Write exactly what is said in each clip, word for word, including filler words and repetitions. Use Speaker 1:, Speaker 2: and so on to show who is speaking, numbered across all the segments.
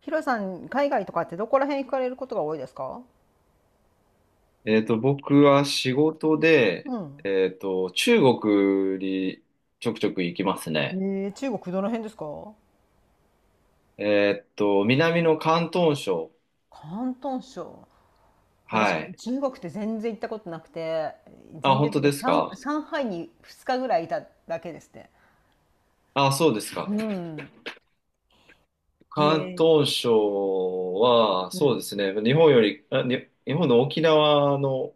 Speaker 1: ヒロさん、海外とかってどこら辺行かれることが多いですか？
Speaker 2: えっと、僕は仕事で、
Speaker 1: うん。
Speaker 2: えっと、中国にちょくちょく行きますね。
Speaker 1: えー、中国どの辺ですか？
Speaker 2: えっと、南の広東省。
Speaker 1: 広東省。
Speaker 2: は
Speaker 1: 私、
Speaker 2: い。
Speaker 1: 中国って全然行ったことなくて、
Speaker 2: あ、
Speaker 1: 全
Speaker 2: 本
Speaker 1: 然っ
Speaker 2: 当
Speaker 1: ていうか、
Speaker 2: です
Speaker 1: 上、
Speaker 2: か？
Speaker 1: 上海にふつかぐらいいただけですね。
Speaker 2: あ、そうです
Speaker 1: う
Speaker 2: か。
Speaker 1: ん。え
Speaker 2: 広
Speaker 1: ー、
Speaker 2: 東省は、
Speaker 1: う
Speaker 2: そうで
Speaker 1: ん。
Speaker 2: すね。日本より、あ、に、日本の沖縄の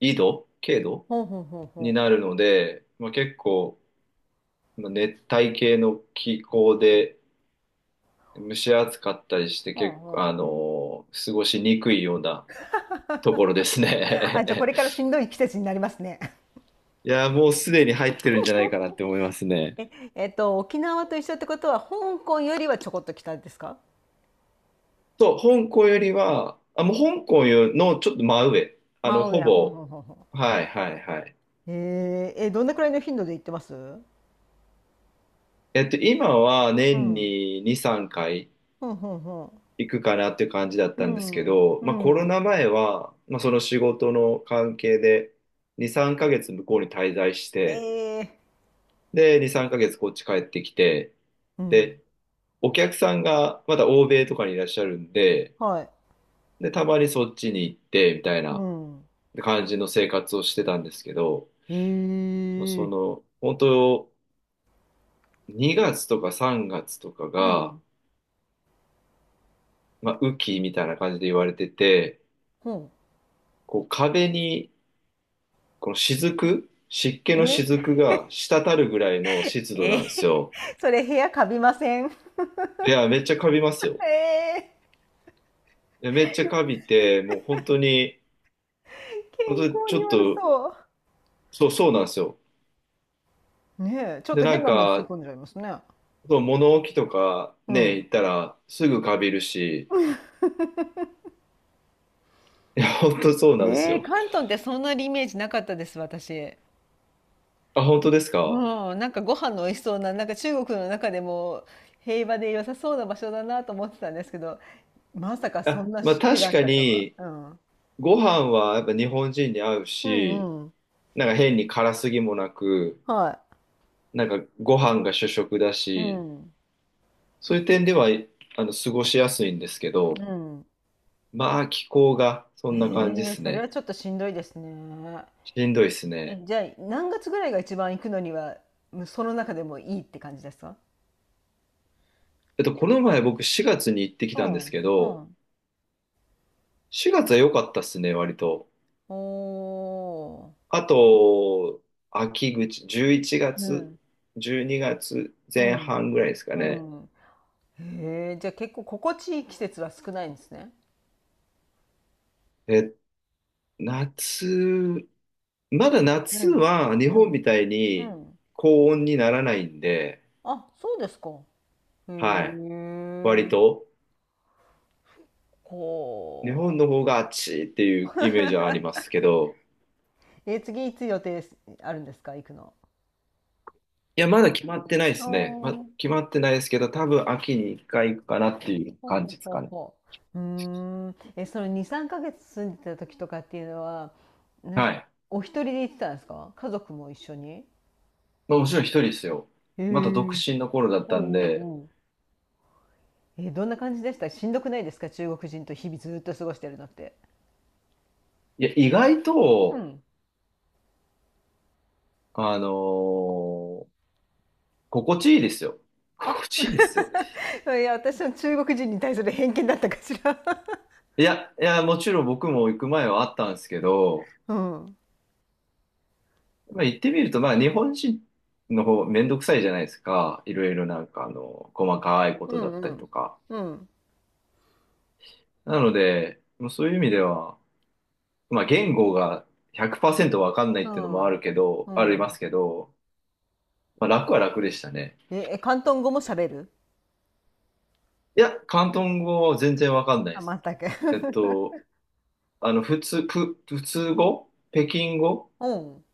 Speaker 2: 緯度、経度
Speaker 1: ほうほうほう
Speaker 2: に
Speaker 1: ほう。
Speaker 2: なるので、まあ、結構、まあ熱帯系の気候で蒸し暑かったりして、
Speaker 1: ほう
Speaker 2: 結
Speaker 1: ほ
Speaker 2: 構、あ
Speaker 1: う。
Speaker 2: の、過ごしにくいようなところです
Speaker 1: あ、じゃあこ
Speaker 2: ね。
Speaker 1: れから しんどい季節になりますね。
Speaker 2: いやー、もうすでに入ってるんじゃないかなって思います ね。
Speaker 1: え、えっと、沖縄と一緒ってことは、香港よりはちょこっと北ですか？
Speaker 2: そう、香港よりは、あ、もう香港よのちょっと真上。あ
Speaker 1: まあ、
Speaker 2: の、
Speaker 1: 真
Speaker 2: ほ
Speaker 1: 上、ほう
Speaker 2: ぼ、
Speaker 1: ほうほうほ
Speaker 2: はいはいはい。
Speaker 1: う。えー、え、どんなくらいの頻度で行ってますう？
Speaker 2: えっと、今は年
Speaker 1: ん。
Speaker 2: にに、さんかい
Speaker 1: ほんほんほん。
Speaker 2: 行くかなっていう感じだった
Speaker 1: う
Speaker 2: んですけ
Speaker 1: ん。
Speaker 2: ど、
Speaker 1: う
Speaker 2: まあコロ
Speaker 1: ん。
Speaker 2: ナ前は、まあその仕事の関係でに、さんかげつ向こうに滞在し
Speaker 1: え
Speaker 2: て、
Speaker 1: え、
Speaker 2: で、に、さんかげつこっち帰ってきて、
Speaker 1: う
Speaker 2: で、
Speaker 1: ん。
Speaker 2: お客さんがまだ欧米とかにいらっしゃるんで、
Speaker 1: はい。
Speaker 2: で、たまにそっちに行って、みたい
Speaker 1: う
Speaker 2: な
Speaker 1: ん。
Speaker 2: 感じの生活をしてたんですけど、そ
Speaker 1: ええ、
Speaker 2: の、本当、にがつとかさんがつとか
Speaker 1: う
Speaker 2: が、
Speaker 1: ん。
Speaker 2: まあ、雨季みたいな感じで言われてて、
Speaker 1: ほん。
Speaker 2: こう壁に、この雫、湿気の
Speaker 1: え、
Speaker 2: 雫が滴るぐらいの湿度
Speaker 1: え
Speaker 2: な
Speaker 1: え、
Speaker 2: んですよ。
Speaker 1: それ部屋カビません？
Speaker 2: いや、めっちゃカビますよ。
Speaker 1: ええ、
Speaker 2: いや、めっちゃカビて、もう本当に、本
Speaker 1: 健
Speaker 2: 当に
Speaker 1: 康
Speaker 2: ち
Speaker 1: に
Speaker 2: ょっ
Speaker 1: 悪
Speaker 2: と、
Speaker 1: そ
Speaker 2: そう、そうなんですよ。
Speaker 1: う。ねえ、ちょっ
Speaker 2: で、
Speaker 1: と
Speaker 2: な
Speaker 1: 変
Speaker 2: ん
Speaker 1: なもん吸い
Speaker 2: か、
Speaker 1: 込んじゃいますね。
Speaker 2: そう、物置とか
Speaker 1: う
Speaker 2: ね、
Speaker 1: ん。
Speaker 2: 行ったらすぐカビるし、いや、本当そうなんです
Speaker 1: ええ、
Speaker 2: よ。
Speaker 1: 関東ってそんなにイメージなかったです、私。
Speaker 2: あ、本当ですか？
Speaker 1: うん、なんかご飯の美味しそうな、なんか中国の中でも平和で良さそうな場所だなと思ってたんですけど、まさかそ
Speaker 2: あ、
Speaker 1: んな
Speaker 2: まあ
Speaker 1: 湿気が
Speaker 2: 確
Speaker 1: あっ
Speaker 2: か
Speaker 1: たとは。
Speaker 2: に、ご飯はやっぱ日本人に合う
Speaker 1: う
Speaker 2: し、
Speaker 1: んうん。
Speaker 2: なんか変に辛すぎもなく、
Speaker 1: は
Speaker 2: なんかご飯が主食だ
Speaker 1: い。う
Speaker 2: し、
Speaker 1: ん。
Speaker 2: そういう点では、あの、過ごしやすいんですけど、
Speaker 1: うん。
Speaker 2: まあ気候がそ
Speaker 1: え
Speaker 2: んな感じで
Speaker 1: え、
Speaker 2: す
Speaker 1: それは
Speaker 2: ね。
Speaker 1: ちょっとしんどいですね。
Speaker 2: しんどいですね。
Speaker 1: え、じゃあ、何月ぐらいが一番行くのには、む、その中でもいいって感じですか？
Speaker 2: えっと、この前僕しがつに行ってき
Speaker 1: う
Speaker 2: たんです
Speaker 1: ん。
Speaker 2: け
Speaker 1: う
Speaker 2: ど、
Speaker 1: ん。
Speaker 2: しがつは良かったっすね、割と。
Speaker 1: おー。
Speaker 2: あと、秋口、11
Speaker 1: う
Speaker 2: 月、
Speaker 1: ん。
Speaker 2: 12月
Speaker 1: う
Speaker 2: 前
Speaker 1: ん。
Speaker 2: 半ぐらいですか
Speaker 1: う
Speaker 2: ね。
Speaker 1: ん。へえ、じゃあ結構心地いい季節は少ないんですね。
Speaker 2: え、夏、まだ
Speaker 1: う
Speaker 2: 夏
Speaker 1: ん。
Speaker 2: は日
Speaker 1: う
Speaker 2: 本み
Speaker 1: ん。
Speaker 2: たい
Speaker 1: う
Speaker 2: に
Speaker 1: ん。
Speaker 2: 高温にならないんで、
Speaker 1: あ、そうですか。へ
Speaker 2: はい。割
Speaker 1: え。
Speaker 2: と、日本
Speaker 1: こ
Speaker 2: の方が暑いっていう
Speaker 1: う。
Speaker 2: イメージはあります けど、
Speaker 1: え、次いつ予定すあるんですか、行くの。
Speaker 2: いや、まだ決まってないですね。ま、
Speaker 1: おー、
Speaker 2: 決まってないですけど、多分秋に一回行くかなっていう
Speaker 1: ほ
Speaker 2: 感
Speaker 1: ほ
Speaker 2: じです
Speaker 1: ほ
Speaker 2: かね。
Speaker 1: ほ。うーん。え、そのに、さんかげつ住んでた時とかっていうのは、なん、
Speaker 2: はい。
Speaker 1: お一人で行ってたんですか、家族も一緒に。
Speaker 2: まあ、もちろん一人ですよ。
Speaker 1: え
Speaker 2: まだ独
Speaker 1: え。
Speaker 2: 身の頃だっ
Speaker 1: お、
Speaker 2: たんで、
Speaker 1: うんうんうん。え、どんな感じでした、しんどくないですか、中国人と日々ずっと過ごしてるのって。
Speaker 2: いや、意外
Speaker 1: う
Speaker 2: と、
Speaker 1: ん。
Speaker 2: あのー心地いいですよ。
Speaker 1: あ、
Speaker 2: 心地いいですよ。
Speaker 1: いや、私の中国人に対する偏見だったかしら。
Speaker 2: いや、いや、もちろん僕も行く前はあったんですけど、
Speaker 1: うん。
Speaker 2: まあ、行ってみると、まあ、日本人の方、めんどくさいじゃないですか。いろいろなんか、あの、細かいこ
Speaker 1: う
Speaker 2: とだ
Speaker 1: ん
Speaker 2: っ
Speaker 1: う
Speaker 2: たりと
Speaker 1: ん。
Speaker 2: か。
Speaker 1: うん。
Speaker 2: なので、もうそういう意味では、まあ、言語がひゃくパーセントわかんない
Speaker 1: う
Speaker 2: っていうのもある
Speaker 1: ん。
Speaker 2: けど、
Speaker 1: う
Speaker 2: あります
Speaker 1: ん。
Speaker 2: けど、まあ、楽は楽でしたね。
Speaker 1: え、え、広東語も喋る？
Speaker 2: いや、広東語は全然わかんないです。
Speaker 1: あ、全く。
Speaker 2: えっと、あの、普通、普、普通語北京語
Speaker 1: うん。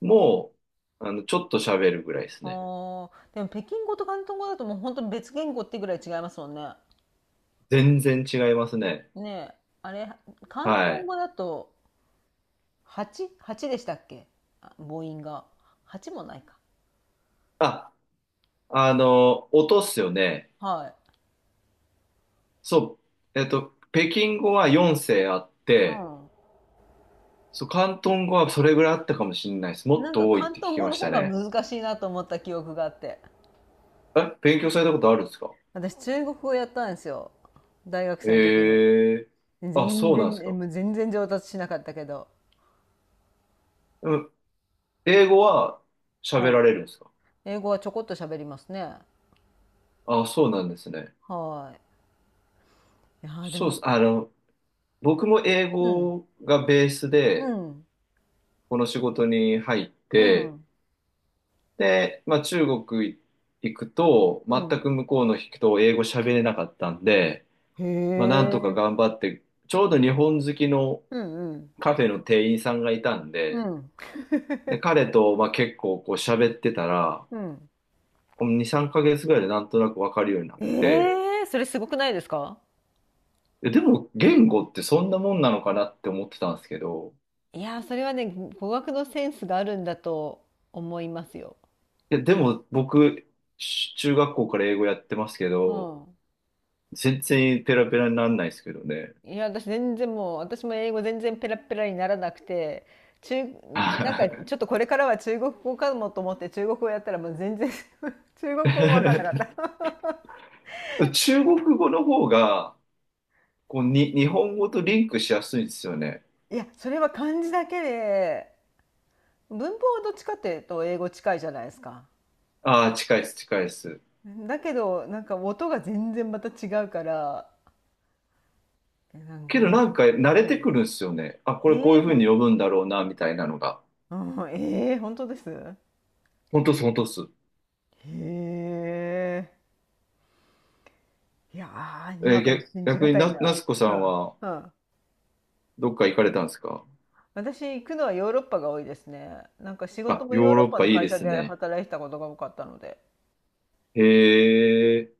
Speaker 2: も、あの、ちょっと喋るぐらいですね。
Speaker 1: ああ、でも北京語と広東語だともう本当に別言語ってぐらい違いますもんね。
Speaker 2: 全然違いますね。
Speaker 1: ねえ、あれ、広
Speaker 2: は
Speaker 1: 東
Speaker 2: い。
Speaker 1: 語だと はち?はち でしたっけ、あ、母音が。はちもないか。
Speaker 2: あ、あの、音っすよね。
Speaker 1: はい。
Speaker 2: そう、えっと、北京語はよんせい声あって、そう、広東語はそれぐらいあったかもしれないです。
Speaker 1: う
Speaker 2: も
Speaker 1: ん。
Speaker 2: っ
Speaker 1: なんか
Speaker 2: と多いっ
Speaker 1: 広
Speaker 2: て聞
Speaker 1: 東
Speaker 2: き
Speaker 1: 語
Speaker 2: ま
Speaker 1: の
Speaker 2: し
Speaker 1: 方
Speaker 2: た
Speaker 1: が
Speaker 2: ね。
Speaker 1: 難しいなと思った記憶があって。
Speaker 2: え、勉強されたことあるんですか？
Speaker 1: 私、中国語やったんですよ。大学
Speaker 2: え
Speaker 1: 生の時に。
Speaker 2: え
Speaker 1: 全
Speaker 2: ー。あ、そうなんで
Speaker 1: 然、
Speaker 2: す
Speaker 1: え
Speaker 2: か。
Speaker 1: もう全然上達しなかったけど。
Speaker 2: うん、英語は喋ら
Speaker 1: は
Speaker 2: れるんですか？
Speaker 1: い。英語はちょこっと喋りますね。
Speaker 2: あ、そうなんですね。
Speaker 1: はい。いやーで
Speaker 2: そうで
Speaker 1: も、
Speaker 2: す。あの、僕も英
Speaker 1: うん、
Speaker 2: 語がベース
Speaker 1: う
Speaker 2: で、
Speaker 1: ん、
Speaker 2: この仕事に入っ
Speaker 1: う
Speaker 2: て、
Speaker 1: ん、
Speaker 2: で、まあ、中国行くと、
Speaker 1: う
Speaker 2: 全
Speaker 1: ん。
Speaker 2: く向こうの人を英語喋れなかったんで、
Speaker 1: へ
Speaker 2: まあ、なんとか
Speaker 1: え。
Speaker 2: 頑張って、ちょうど日本好きの
Speaker 1: うんうん。
Speaker 2: カフェの店員さんがいたん
Speaker 1: う
Speaker 2: で、
Speaker 1: ん。
Speaker 2: で、彼と、まあ、結構こう喋ってたら、
Speaker 1: うん。
Speaker 2: に、さんかげつぐらいでなんとなくわかるようになっ
Speaker 1: え
Speaker 2: て、
Speaker 1: え、それすごくないですか？
Speaker 2: えでも言語ってそんなもんなのかなって思ってたんですけど、
Speaker 1: いやー、それはね、語学のセンスがあるんだと思いますよ。
Speaker 2: いやでも僕、し中学校から英語やってますけ
Speaker 1: う
Speaker 2: ど、
Speaker 1: ん。
Speaker 2: 全然ペラペラにならないですけどね。
Speaker 1: いや、私全然もう、私も英語全然ペラペラにならなくて、中、なんかち ょっとこれからは中国語かもと思って中国語やったらもう全然、 中国語もわかんなかった。
Speaker 2: 中国語の方が、こう、に、日本語とリンクしやすいんですよね。
Speaker 1: いや、それは漢字だけで、文法はどっちかっていうと英語近いじゃないですか。
Speaker 2: ああ、近いです、近いです。
Speaker 1: だけど、なんか音が全然また違うから、えなんか
Speaker 2: けど
Speaker 1: も
Speaker 2: なんか慣
Speaker 1: う、
Speaker 2: れ
Speaker 1: も
Speaker 2: て
Speaker 1: う
Speaker 2: くるんですよね。あ、これこう
Speaker 1: え
Speaker 2: い
Speaker 1: え、
Speaker 2: うふう
Speaker 1: ほ
Speaker 2: に
Speaker 1: ん、
Speaker 2: 呼ぶんだろうな、みたいなのが。
Speaker 1: うん、ええ、本当です
Speaker 2: 本当っす、本当っす。
Speaker 1: へえ。いやー、に
Speaker 2: え
Speaker 1: わ
Speaker 2: ー
Speaker 1: かに
Speaker 2: 逆
Speaker 1: 信じ
Speaker 2: 逆
Speaker 1: が
Speaker 2: に
Speaker 1: たい
Speaker 2: な、なつ
Speaker 1: な。
Speaker 2: こさ
Speaker 1: う
Speaker 2: ん
Speaker 1: ん、
Speaker 2: は
Speaker 1: うん。
Speaker 2: どっか行かれたんですか？
Speaker 1: 私、行くのはヨーロッパが多いですね。なんか仕事
Speaker 2: あ、
Speaker 1: もヨ
Speaker 2: ヨ
Speaker 1: ー
Speaker 2: ー
Speaker 1: ロッ
Speaker 2: ロッ
Speaker 1: パ
Speaker 2: パ
Speaker 1: の
Speaker 2: いい
Speaker 1: 会
Speaker 2: で
Speaker 1: 社
Speaker 2: す
Speaker 1: で
Speaker 2: ね。
Speaker 1: 働いてたことが多かったので。
Speaker 2: へえ。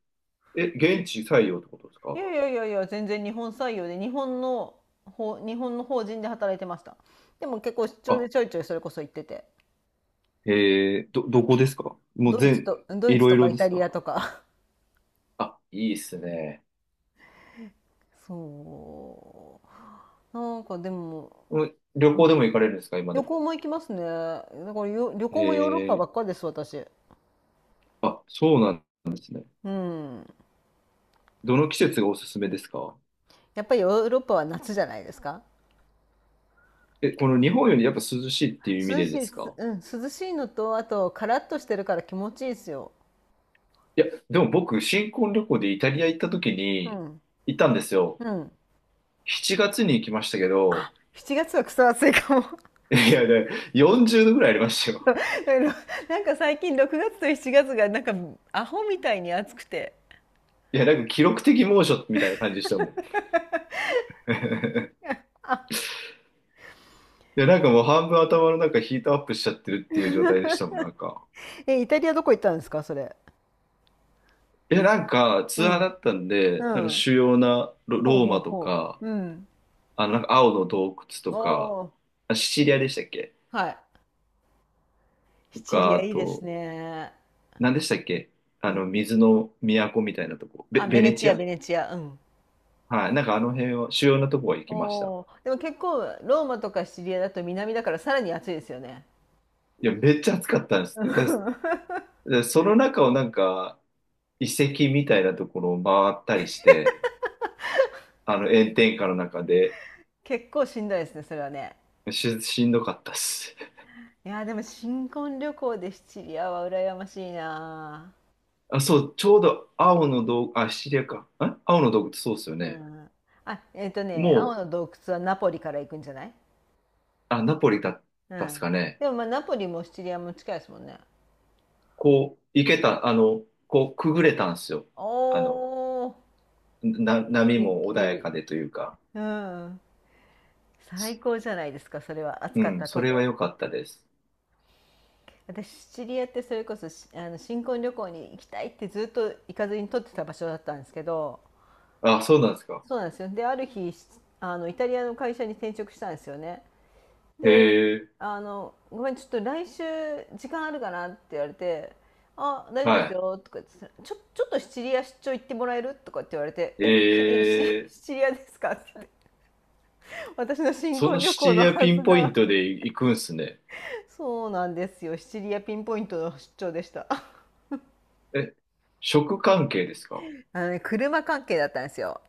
Speaker 2: え、現地採用ってことです
Speaker 1: い
Speaker 2: か？
Speaker 1: やいやいやいや、全然日本採用で、日本の、ほ、日本の法人で働いてました。でも結構出張
Speaker 2: あ、
Speaker 1: でちょいちょいそれこそ行ってて。
Speaker 2: へえ、ど、どこですか？もう
Speaker 1: ドイツ
Speaker 2: 全、
Speaker 1: と、ドイ
Speaker 2: い
Speaker 1: ツ
Speaker 2: ろい
Speaker 1: とか
Speaker 2: ろ
Speaker 1: イ
Speaker 2: で
Speaker 1: タ
Speaker 2: す
Speaker 1: リア
Speaker 2: か？
Speaker 1: とか、
Speaker 2: あ、いいっすね。
Speaker 1: そう。なんかでも、
Speaker 2: うん、旅
Speaker 1: う
Speaker 2: 行
Speaker 1: ん、
Speaker 2: でも行かれるんですか今で
Speaker 1: 旅
Speaker 2: も？
Speaker 1: 行も行きますね。だからよ旅行もヨーロッ
Speaker 2: へ
Speaker 1: パばっ
Speaker 2: え。
Speaker 1: かりです、私。
Speaker 2: あ、そうなんですね。
Speaker 1: うん。
Speaker 2: どの季節がおすすめですか？
Speaker 1: やっぱりヨーロッパは夏じゃないですか。
Speaker 2: え、この日本よりやっぱ涼しいっていう意味
Speaker 1: 涼
Speaker 2: で
Speaker 1: し
Speaker 2: で
Speaker 1: い、
Speaker 2: す
Speaker 1: す
Speaker 2: か？
Speaker 1: うん、涼しいのと、あと、カラッとしてるから気持ちいいですよ。
Speaker 2: いや、でも僕、新婚旅行でイタリア行った時
Speaker 1: う
Speaker 2: に、
Speaker 1: ん。
Speaker 2: 行ったんですよ。
Speaker 1: うん。
Speaker 2: しちがつに行きましたけど、
Speaker 1: あ、しちがつはクソ暑いかも。
Speaker 2: いや、ね、よんじゅうどぐらいありました
Speaker 1: そ
Speaker 2: よ。
Speaker 1: う、なんか最近ろくがつとしちがつが、つがなんかアホみたいに暑くて。
Speaker 2: いや、なんか記録的猛暑みたいな感じでしたもん。
Speaker 1: あ、
Speaker 2: いや、なんかもう半分頭の中ヒートアップしちゃってるっていう状態でした もん、なんか。
Speaker 1: え、イタリアどこ行ったんですか、それ。
Speaker 2: いや、なんか
Speaker 1: う
Speaker 2: ツアーだ
Speaker 1: ん。
Speaker 2: ったんで、
Speaker 1: う
Speaker 2: なんか
Speaker 1: ん。
Speaker 2: 主要なロ
Speaker 1: ほう
Speaker 2: ロー
Speaker 1: ほう
Speaker 2: マと
Speaker 1: ほ
Speaker 2: か、
Speaker 1: う。うん。
Speaker 2: あの、なんか青の洞窟とか、
Speaker 1: おー、
Speaker 2: あ、シチリアでしたっけ？
Speaker 1: はい。
Speaker 2: と
Speaker 1: シチ
Speaker 2: か、
Speaker 1: リ
Speaker 2: あ
Speaker 1: アいいです
Speaker 2: と、
Speaker 1: ね。
Speaker 2: 何でしたっけ？
Speaker 1: う
Speaker 2: あの、
Speaker 1: ん。
Speaker 2: 水の都みたいなとこ。ベ、
Speaker 1: あ、ベ
Speaker 2: ベ
Speaker 1: ネ
Speaker 2: ネ
Speaker 1: チ
Speaker 2: チ
Speaker 1: ア、
Speaker 2: ア。
Speaker 1: ベネチア。うん。
Speaker 2: はい。なんかあの辺は、主要なとこは行きました。
Speaker 1: おー、でも結構、ローマとかシチリアだと南だからさらに暑いですよね。
Speaker 2: いや、めっちゃ暑かったんですっ
Speaker 1: うん、
Speaker 2: て。だ、だその中をなんか、遺跡みたいなところを回ったりして、あの、炎天下の中で、
Speaker 1: 結構しんどいですね、それはね。
Speaker 2: し、しんどかったっす。
Speaker 1: いやー、でも新婚旅行でシチリアは羨ましいな
Speaker 2: あ、そう、ちょうど青の洞、あ、シチリアか。ん青の洞窟、そうっすよ
Speaker 1: ー。う
Speaker 2: ね。
Speaker 1: ん。あ、えっとね、青
Speaker 2: もう、
Speaker 1: の洞窟はナポリから行くんじゃない？
Speaker 2: あ、ナポリだっ
Speaker 1: う
Speaker 2: たっす
Speaker 1: ん。
Speaker 2: かね？
Speaker 1: でもまあ、ナポリもシチリアも近いですもんね。
Speaker 2: こう、行けた、あの、こう、くぐれたんですよ。あの、
Speaker 1: おー、素
Speaker 2: な、波も穏や
Speaker 1: 敵。
Speaker 2: かでというか、
Speaker 1: うん。
Speaker 2: す
Speaker 1: 最高じゃないですか、それは。暑か
Speaker 2: う
Speaker 1: っ
Speaker 2: ん、
Speaker 1: た
Speaker 2: そ
Speaker 1: と
Speaker 2: れは
Speaker 1: て。
Speaker 2: 良かったです。
Speaker 1: 私、シチリアってそれこそしあの新婚旅行に行きたいってずっと行かずに取ってた場所だったんですけど、
Speaker 2: あ、そうなんですか。
Speaker 1: そうなんですよ。で、ある日、しあの、イタリアの会社に転職したんですよね。
Speaker 2: え
Speaker 1: で、
Speaker 2: え、
Speaker 1: あの、ごめん、ちょっと来週時間あるかなって言われて、あ、大丈夫です
Speaker 2: は
Speaker 1: よ、とか言って、ちょ、ちょっとシチリア出張行ってもらえるとかって言われて、
Speaker 2: い。
Speaker 1: え、しえシ
Speaker 2: ええ、
Speaker 1: シチリア ですかって言って、私の新
Speaker 2: そ
Speaker 1: 婚
Speaker 2: の
Speaker 1: 旅
Speaker 2: シ
Speaker 1: 行
Speaker 2: チ
Speaker 1: の
Speaker 2: リア
Speaker 1: は
Speaker 2: ピ
Speaker 1: ず
Speaker 2: ンポイン
Speaker 1: が、
Speaker 2: トで行くんすね。
Speaker 1: そうなんですよ。シチリアピンポイントの出張でした。
Speaker 2: え、食関係ですか？
Speaker 1: あのね、車関係だったんですよ。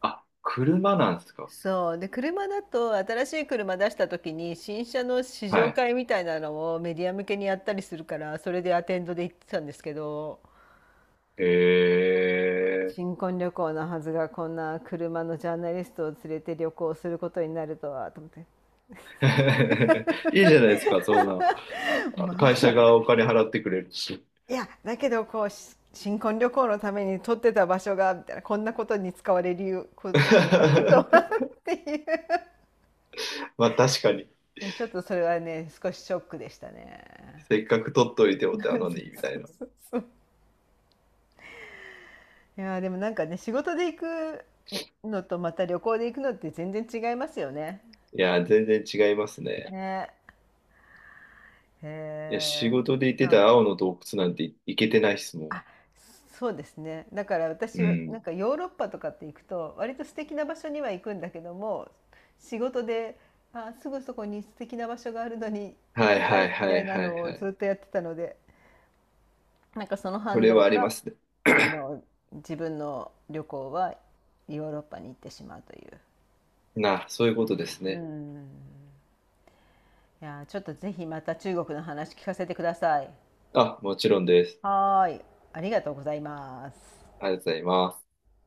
Speaker 2: あ、車なんですか？
Speaker 1: そう。で、車だと新しい車出した時に新車の試
Speaker 2: は
Speaker 1: 乗
Speaker 2: い。
Speaker 1: 会みたいなのをメディア向けにやったりするから、それでアテンドで行ってたんですけど、
Speaker 2: え
Speaker 1: 新婚旅行のはずがこんな車のジャーナリストを連れて旅行することになるとはと思って、
Speaker 2: え、いいじゃないですか、そんな。
Speaker 1: ま
Speaker 2: 会社
Speaker 1: あ、
Speaker 2: がお金払ってくれるし。
Speaker 1: いやだけどこうし新婚旅行のために撮ってた場所がみたいな、こんなことに使われるこ とになろうとはっていう、
Speaker 2: まあ確かに。
Speaker 1: えちょっとそれはね、少しショックでしたね。
Speaker 2: せっかく取っといて
Speaker 1: そう
Speaker 2: お手な
Speaker 1: そ
Speaker 2: のに、みたい
Speaker 1: う
Speaker 2: な。
Speaker 1: そうそう。いやーでもなんかね、仕事で行くのとまた旅行で行くのって全然違いますよね。
Speaker 2: いや、全然違いますね。
Speaker 1: ね。
Speaker 2: いや、仕
Speaker 1: へえ。
Speaker 2: 事で行って
Speaker 1: う
Speaker 2: た
Speaker 1: ん。
Speaker 2: 青の洞窟なんてい行けてないっすも
Speaker 1: あ、そうですね。だから
Speaker 2: ん。う
Speaker 1: 私はなん
Speaker 2: ん。
Speaker 1: かヨーロッパとかって行くと、割と素敵な場所には行くんだけども、仕事で、あ、すぐそこに素敵な場所があるのに行
Speaker 2: はい
Speaker 1: けな
Speaker 2: は
Speaker 1: い
Speaker 2: い
Speaker 1: み
Speaker 2: は
Speaker 1: たい
Speaker 2: い
Speaker 1: な
Speaker 2: はい
Speaker 1: の
Speaker 2: は
Speaker 1: をず
Speaker 2: い。
Speaker 1: っとやってたので、なんかその
Speaker 2: そ
Speaker 1: 反
Speaker 2: れ
Speaker 1: 動
Speaker 2: はありま
Speaker 1: が、
Speaker 2: すね。
Speaker 1: あの、自分の旅行はヨーロッパに行ってしまうという。
Speaker 2: な、そういうことです
Speaker 1: う
Speaker 2: ね。
Speaker 1: ん。いやー、ちょっとぜひまた中国の話聞かせてください。
Speaker 2: あ、もちろんです。
Speaker 1: はーい。ありがとうございます。
Speaker 2: ありがとうございます。